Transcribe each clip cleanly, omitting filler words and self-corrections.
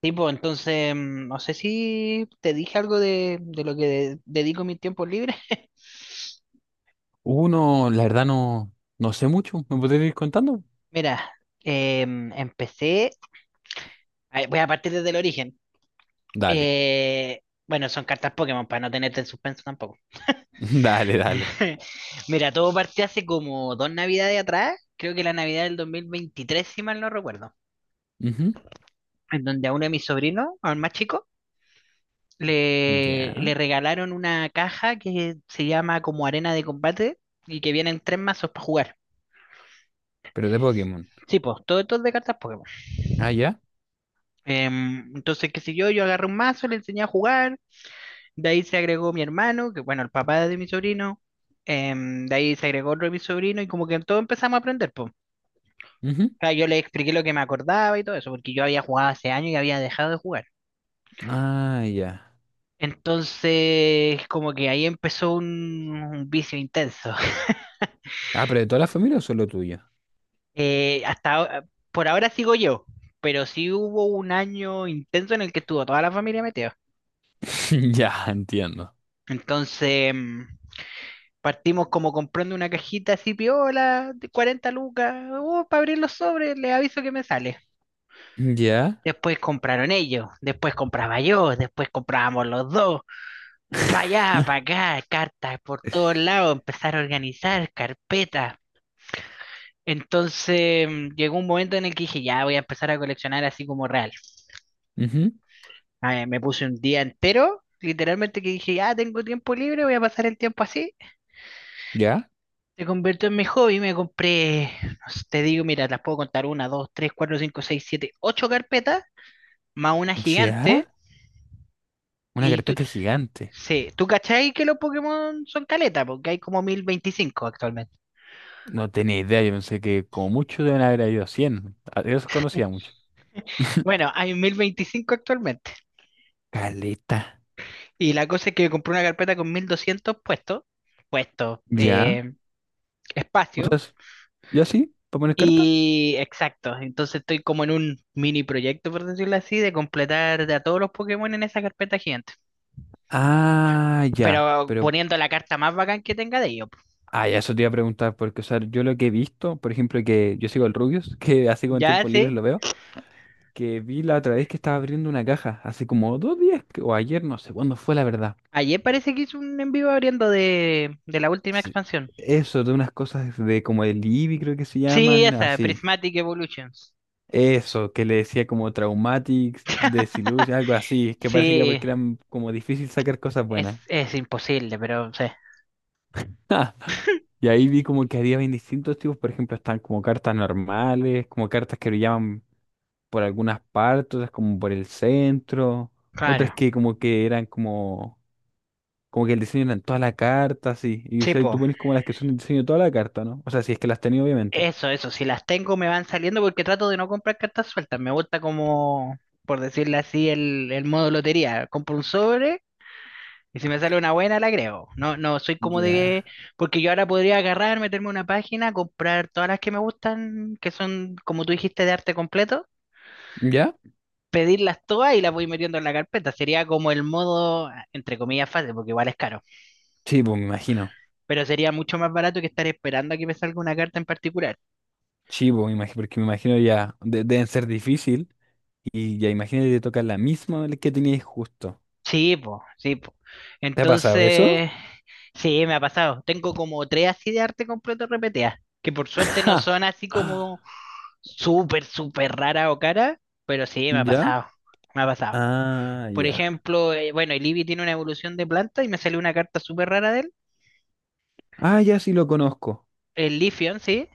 Tipo, entonces, no sé si te dije algo de lo que dedico mi tiempo libre. Uno, la verdad no, no sé mucho. ¿Me podrías ir contando? Mira, empecé, a ver, voy a partir desde el origen. Dale, Eh, bueno, son cartas Pokémon para no tenerte en suspenso tampoco. dale, dale. Mira, todo partió hace como dos navidades atrás, creo que la Navidad del 2023 si mal no recuerdo, Ujú. en donde a uno de mis sobrinos, al más chico, le, Ya. le regalaron una caja que se llama como arena de combate y que vienen tres mazos para jugar. Pero de Pokémon. Sí, pues, todo esto es de cartas Pokémon. Ah, ya. Entonces, qué sé yo, yo agarré un mazo, le enseñé a jugar, de ahí se agregó mi hermano, que bueno, el papá de mi sobrino, de ahí se agregó otro de mi sobrino, y como que todos empezamos a aprender, pues. O Ujú. sea, yo le expliqué lo que me acordaba y todo eso, porque yo había jugado hace años y había dejado de jugar. Ah, ya. Entonces, como que ahí empezó un vicio intenso. Ah, ¿pero de toda la familia o solo tuya? Eh, hasta ahora- por ahora sigo yo, pero sí hubo un año intenso en el que estuvo toda la familia metida. Ya, entiendo. Entonces, partimos como comprando una cajita así piola de 40 lucas, para abrir los sobres, les aviso que me sale. Ya. Después compraron ellos, después compraba yo, después comprábamos los dos. Para allá, para acá, cartas por todos lados, empezar a organizar carpetas. Entonces, llegó un momento en el que dije, ya voy a empezar a coleccionar así como real. Ujú. Ah, me puse un día entero, literalmente que dije, ya tengo tiempo libre, voy a pasar el tiempo así. Ya. Se convirtió en mi hobby, me compré, no sé, te digo, mira, las puedo contar, una, dos, tres, cuatro, cinco, seis, siete, ocho carpetas, más una Ya. gigante, Una y tú, carpeta gigante. sí, tú cachai que los Pokémon son caleta, porque hay como 1025 actualmente. No tenía idea. Yo pensé que como mucho deben haber habido 100. Yo los conocía mucho. Bueno, hay 1025 actualmente, Caleta. y la cosa es que compré una carpeta con 1200 puestos, puestos, Ya. eh, O sea, espacio, es- ¿Ya sí? ¿Para poner carta? y exacto, entonces estoy como en un mini proyecto, por decirlo así, de completar de a todos los Pokémon en esa carpeta gigante, Ah, ya. pero poniendo la carta más bacán que tenga de ellos. Ah, ya, eso te iba a preguntar, porque, o sea, yo lo que he visto, por ejemplo, que yo sigo el Rubius, que así con Ya tiempo sé, libre lo veo, que vi la otra vez que estaba abriendo una caja, hace como dos días, o ayer, no sé cuándo fue la verdad. ayer parece que hizo un en vivo abriendo de la última Sí. expansión. Eso, de unas cosas de como el Libby, creo que se Sí, llaman, esa, así. Prismatic Evolutions. Eso, que le decía como Traumatics, Desillusion, algo así, que parece que era Sí, porque eran como difícil sacar cosas es, buenas. es imposible, pero sí. Y ahí vi como que había bien distintos tipos, por ejemplo, están como cartas normales, como cartas que brillaban por algunas partes, otras como por el centro, otras Claro. que como que eran como, como que el diseño era en toda la carta, así. Y o Sí, sea, tú po. pones como las que son el diseño de toda la carta, ¿no? O sea, si es que las tenía, obviamente. Eso, eso. Si las tengo me van saliendo porque trato de no comprar cartas sueltas. Me gusta como, por decirlo así, el modo lotería. Compro un sobre. Y si me sale una buena, la creo. No, no, soy como de... Ya. Porque yo ahora podría agarrar, meterme a una página, comprar todas las que me gustan, que son, como tú dijiste, de arte completo, ¿Ya? pedirlas todas y las voy metiendo en la carpeta. Sería como el modo, entre comillas, fácil, porque igual es caro. Sí, pues me imagino. Pero sería mucho más barato que estar esperando a que me salga una carta en particular. Sí, pues me imagino, porque me imagino ya, deben ser difícil. Y ya imagínate te toca la misma que tenías justo. Sí, po, sí, po. ¿Te ha pasado eso? Entonces, sí, me ha pasado. Tengo como tres así de arte completo repetidas, que por suerte no son así Ja. como súper, súper rara o cara, pero sí, me ha ¿Ya? pasado, me ha pasado. Ah, Por ya. ejemplo, bueno, el Eevee tiene una evolución de planta y me salió una carta súper rara de él, Ah, ya, sí lo conozco. el Leafeon, sí.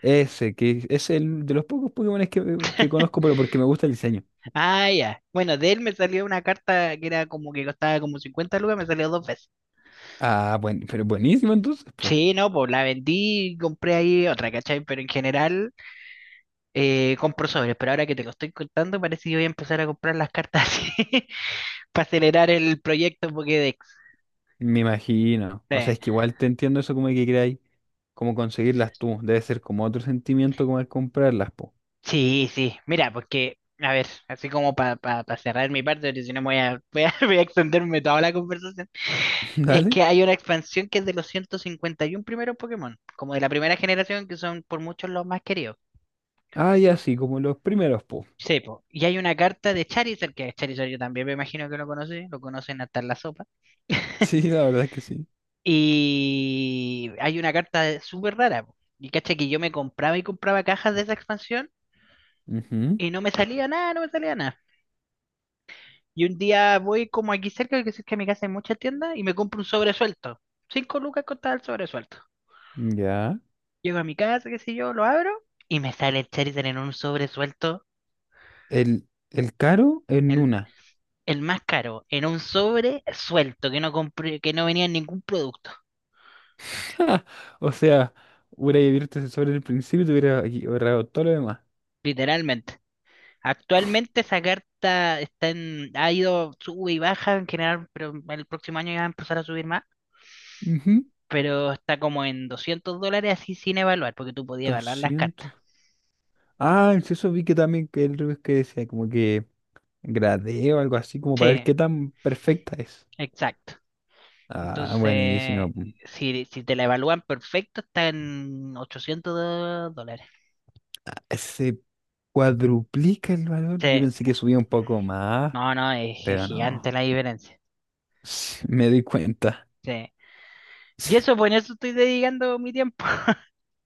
Ese, que es el de los pocos Pokémones que conozco, pero porque me gusta el diseño. Ah, ya. Bueno, de él me salió una carta que era como que costaba como 50 lucas, me salió dos veces. Ah, bueno, pero buenísimo entonces, pues. Sí, no, pues la vendí y compré ahí otra, ¿cachai? Pero en general compro sobres, pero ahora que te lo estoy contando parece que voy a empezar a comprar las cartas así para acelerar el proyecto Pokédex. Me imagino. Sí. O sea, es que igual te entiendo eso como que queráis, como conseguirlas tú. Debe ser como otro sentimiento como al comprarlas, po. Sí, sí, mira, porque, a ver, así como para cerrar mi parte, porque si no me voy a, voy a, voy a extenderme toda la conversación, es ¿Dale? que hay una expansión que es de los 151 primeros Pokémon, como de la primera generación, que son por muchos los más queridos. Ah, ya sí, como los primeros, po. Sí, po, y hay una carta de Charizard, que Charizard yo también me imagino que lo conocí, lo conocen hasta en la sopa. Sí, la verdad es que sí. Y hay una carta súper rara, po. Y caché que yo me compraba y compraba cajas de esa expansión Ujú. y no me salía nada, no me salía nada. Y un día voy como aquí cerca, que cerca de mi casa hay muchas tiendas, y me compro un sobre suelto. 5 lucas costaba el sobre suelto. Ya. Llego a mi casa, qué sé yo, lo abro, y me sale el Charizard en un sobre suelto, El caro en el, una. el más caro, en un sobre suelto, que no compré, que no venía en ningún producto, O sea, hubiera abierto ese sobre el principio y te hubiera ahorrado todo lo demás. literalmente. Actualmente esa carta está en, ha ido, sube y baja en general, pero el próximo año ya va a empezar a subir más. Ujú. Pero está como en 200 dólares así sin evaluar, porque tú podías evaluar las cartas. 200. Ah, sí, eso vi que también que el review que decía como que gradeo, algo así, como para ver Sí, qué tan perfecta es. exacto. Ah, Entonces, buenísimo. si, si te la evalúan perfecto, está en ochocientos dólares. Se cuadruplica el valor. Yo Sí, pensé que subía un poco más, no, no, es pero gigante no. la diferencia. Sí, me di cuenta. Sí. Y eso, pues en eso estoy dedicando mi tiempo.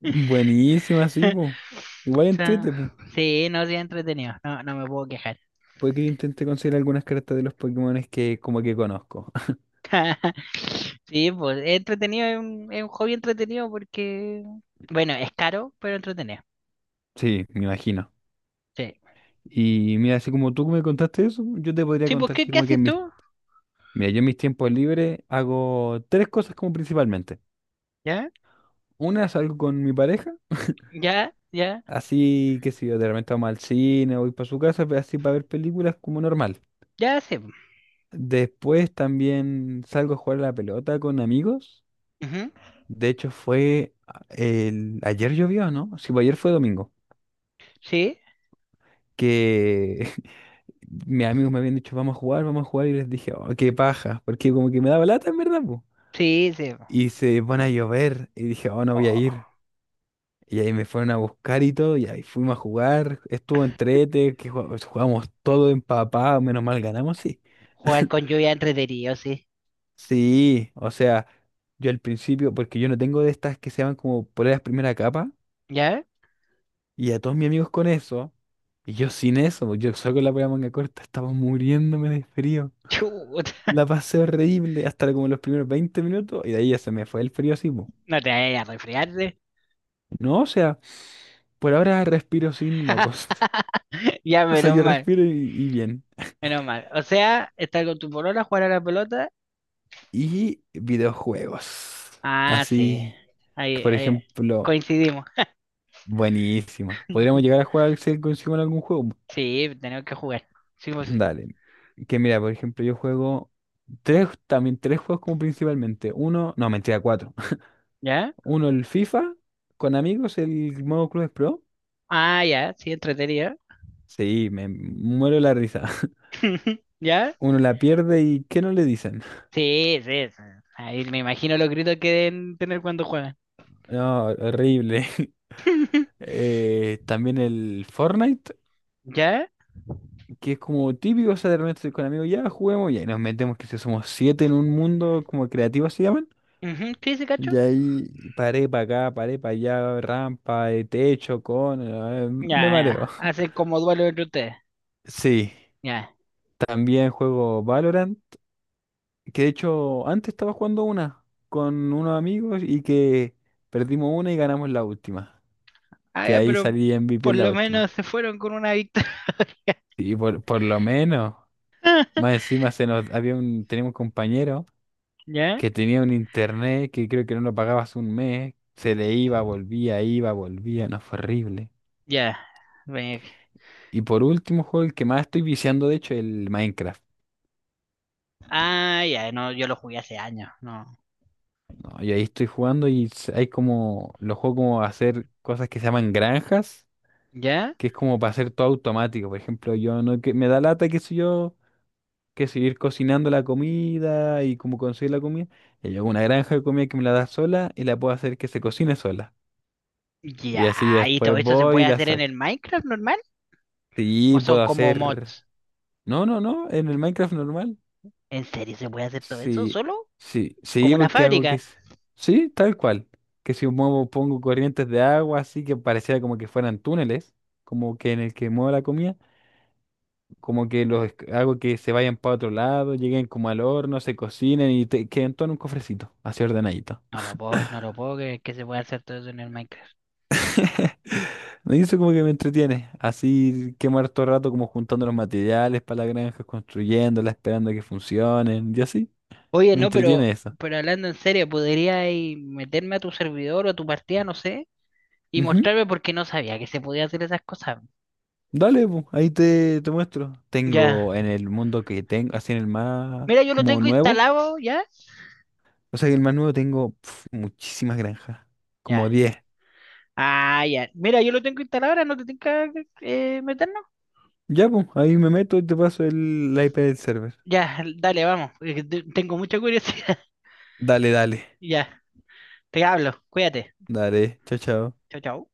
Buenísima, sí, po. Igual O sea, entrete, po. sí, no, sí, es entretenido. No, no me puedo quejar. Puede que yo intente conseguir algunas cartas de los Pokémones que como que conozco. Sí, pues es entretenido, es un hobby entretenido porque, bueno, es caro, pero entretenido. Sí, me imagino. Sí. Y mira, así como tú me contaste eso, yo te podría Sí, pues, contar ¿qué, así qué como que haces mis... tú? Mira, yo en mis tiempos libres hago tres cosas como principalmente. ¿Ya? Una, salgo con mi pareja, ¿Ya? ¿Ya? así que si yo de repente vamos al cine o voy para su casa, así para ver películas como normal. ¿Ya? Sí, pues. Después también salgo a jugar a la pelota con amigos. Ujú. De hecho fue ayer llovió, ¿no? Sí, pues ayer fue domingo. Sí, Que mis amigos me habían dicho, vamos a jugar, y les dije, oh, qué paja, porque como que me daba lata en verdad, po. sí, sí. Y se pone a llover, y dije, oh, no voy a Oh. ir. Y ahí me fueron a buscar y todo, y ahí fuimos a jugar. Estuvo entrete, que jugamos, jugamos todo empapado, menos mal ganamos, sí. Jugar con lluvia es entretenido, sí. Sí, o sea, yo al principio, porque yo no tengo de estas que se llaman como poleras primera capa, ¿Ya? y a todos mis amigos con eso, y yo sin eso, pues, yo solo con la polera manga corta, estaba muriéndome de frío. Chuta, La pasé horrible hasta como los primeros 20 minutos, y de ahí ya se me fue el frío así, po. no te vayas a resfriarte. No, o sea, por ahora respiro sin mocos. Ya, O sea, menos yo mal, respiro y bien. menos mal. O sea, estar con tu polola, jugar a la pelota. Y videojuegos. Ah, sí. Así, Ahí, por ahí ejemplo, coincidimos. buenísima. Podríamos llegar a jugar al Cell consigo en algún juego. Sí, tenemos que jugar. Sí, pues sí. Dale. Que mira, por ejemplo, yo juego también tres juegos como principalmente. Uno, no, mentira, cuatro. ¿Ya? Uno, el FIFA, con amigos, el modo Clubes Pro. Ah, ya, sí, entretenido. Sí, me muero la risa. ¿Ya? Uno la pierde y ¿qué no le dicen? Sí, sí, sí. Ahí me imagino los gritos que deben tener cuando juegan. No, horrible. También el Fortnite. ¿Ya? Que es como típico, o sea, de repente estoy con amigos, ya juguemos, ya, y nos metemos, que si somos siete en un mundo como creativo se llaman, Ujú, sí, sí, cacho. y ahí paré para acá, paré para allá, rampa, techo, Ya, me mareo. ya. Hacen como duelo entre ustedes. Sí, Ya. también juego Valorant, que de hecho antes estaba jugando una con unos amigos y que perdimos una y ganamos la última, Ah, que ya, ahí pero salí MVP por en la lo menos última. se fueron con una victoria. Y por lo menos, más encima se nos, había un, tenemos un compañero ¿Ya? que tenía un internet que creo que no lo pagabas un mes, se le iba, volvía, no fue horrible. Ya. Ve- Y por último, juego el que más estoy viciando, de hecho, el Minecraft. Ah, ya, no, yo lo jugué hace años, no. ¿No? Y ahí estoy jugando y hay como, los juegos como hacer cosas que se llaman granjas, ¿Ya? que es como para hacer todo automático. Por ejemplo, yo no, que me da lata, que soy yo, que seguir cocinando la comida y como conseguir la comida. Y yo hago una granja de comida que me la da sola y la puedo hacer que se cocine sola. Y así Ya, ¿y todo después eso se voy y puede la hacer en saco. el Minecraft normal? ¿O Sí, son puedo como mods? hacer. No, no, no, en el Minecraft normal. ¿En serio se puede hacer todo eso Sí, solo? sí, ¿Como sí, una porque hago que fábrica? es. Sí, tal cual. Que si muevo, pongo corrientes de agua, así que pareciera como que fueran túneles, como que en el que muevo la comida, como que hago que se vayan para otro lado, lleguen como al horno, se cocinen y queden todo en un cofrecito, así ordenadito. No lo puedo, no lo puedo creer que se pueda hacer todo eso en el Minecraft. Me hizo como que me entretiene, así quemar todo el rato como juntando los materiales para la granja, construyéndola, esperando a que funcionen, y así, Oye, me no, entretiene eso. pero hablando en serio, ¿podría ahí meterme a tu servidor o a tu partida, no sé, y mostrarme por qué no sabía que se podía hacer esas cosas? Dale, po, ahí te muestro. Ya. Tengo en el mundo que tengo, así en el más Mira, yo lo como tengo nuevo, instalado ya. o sea, en el más nuevo tengo pf, muchísimas granjas, como Ya. 10. Ah, ya. Mira, yo lo tengo instalado ahora, no te tengo que meter, ¿no? Ya, pues, ahí me meto y te paso la IP del server. Ya, dale, vamos, porque te- Tengo mucha curiosidad. Dale, dale, Ya, te hablo. Cuídate. dale, chao, chao. Chao, chao.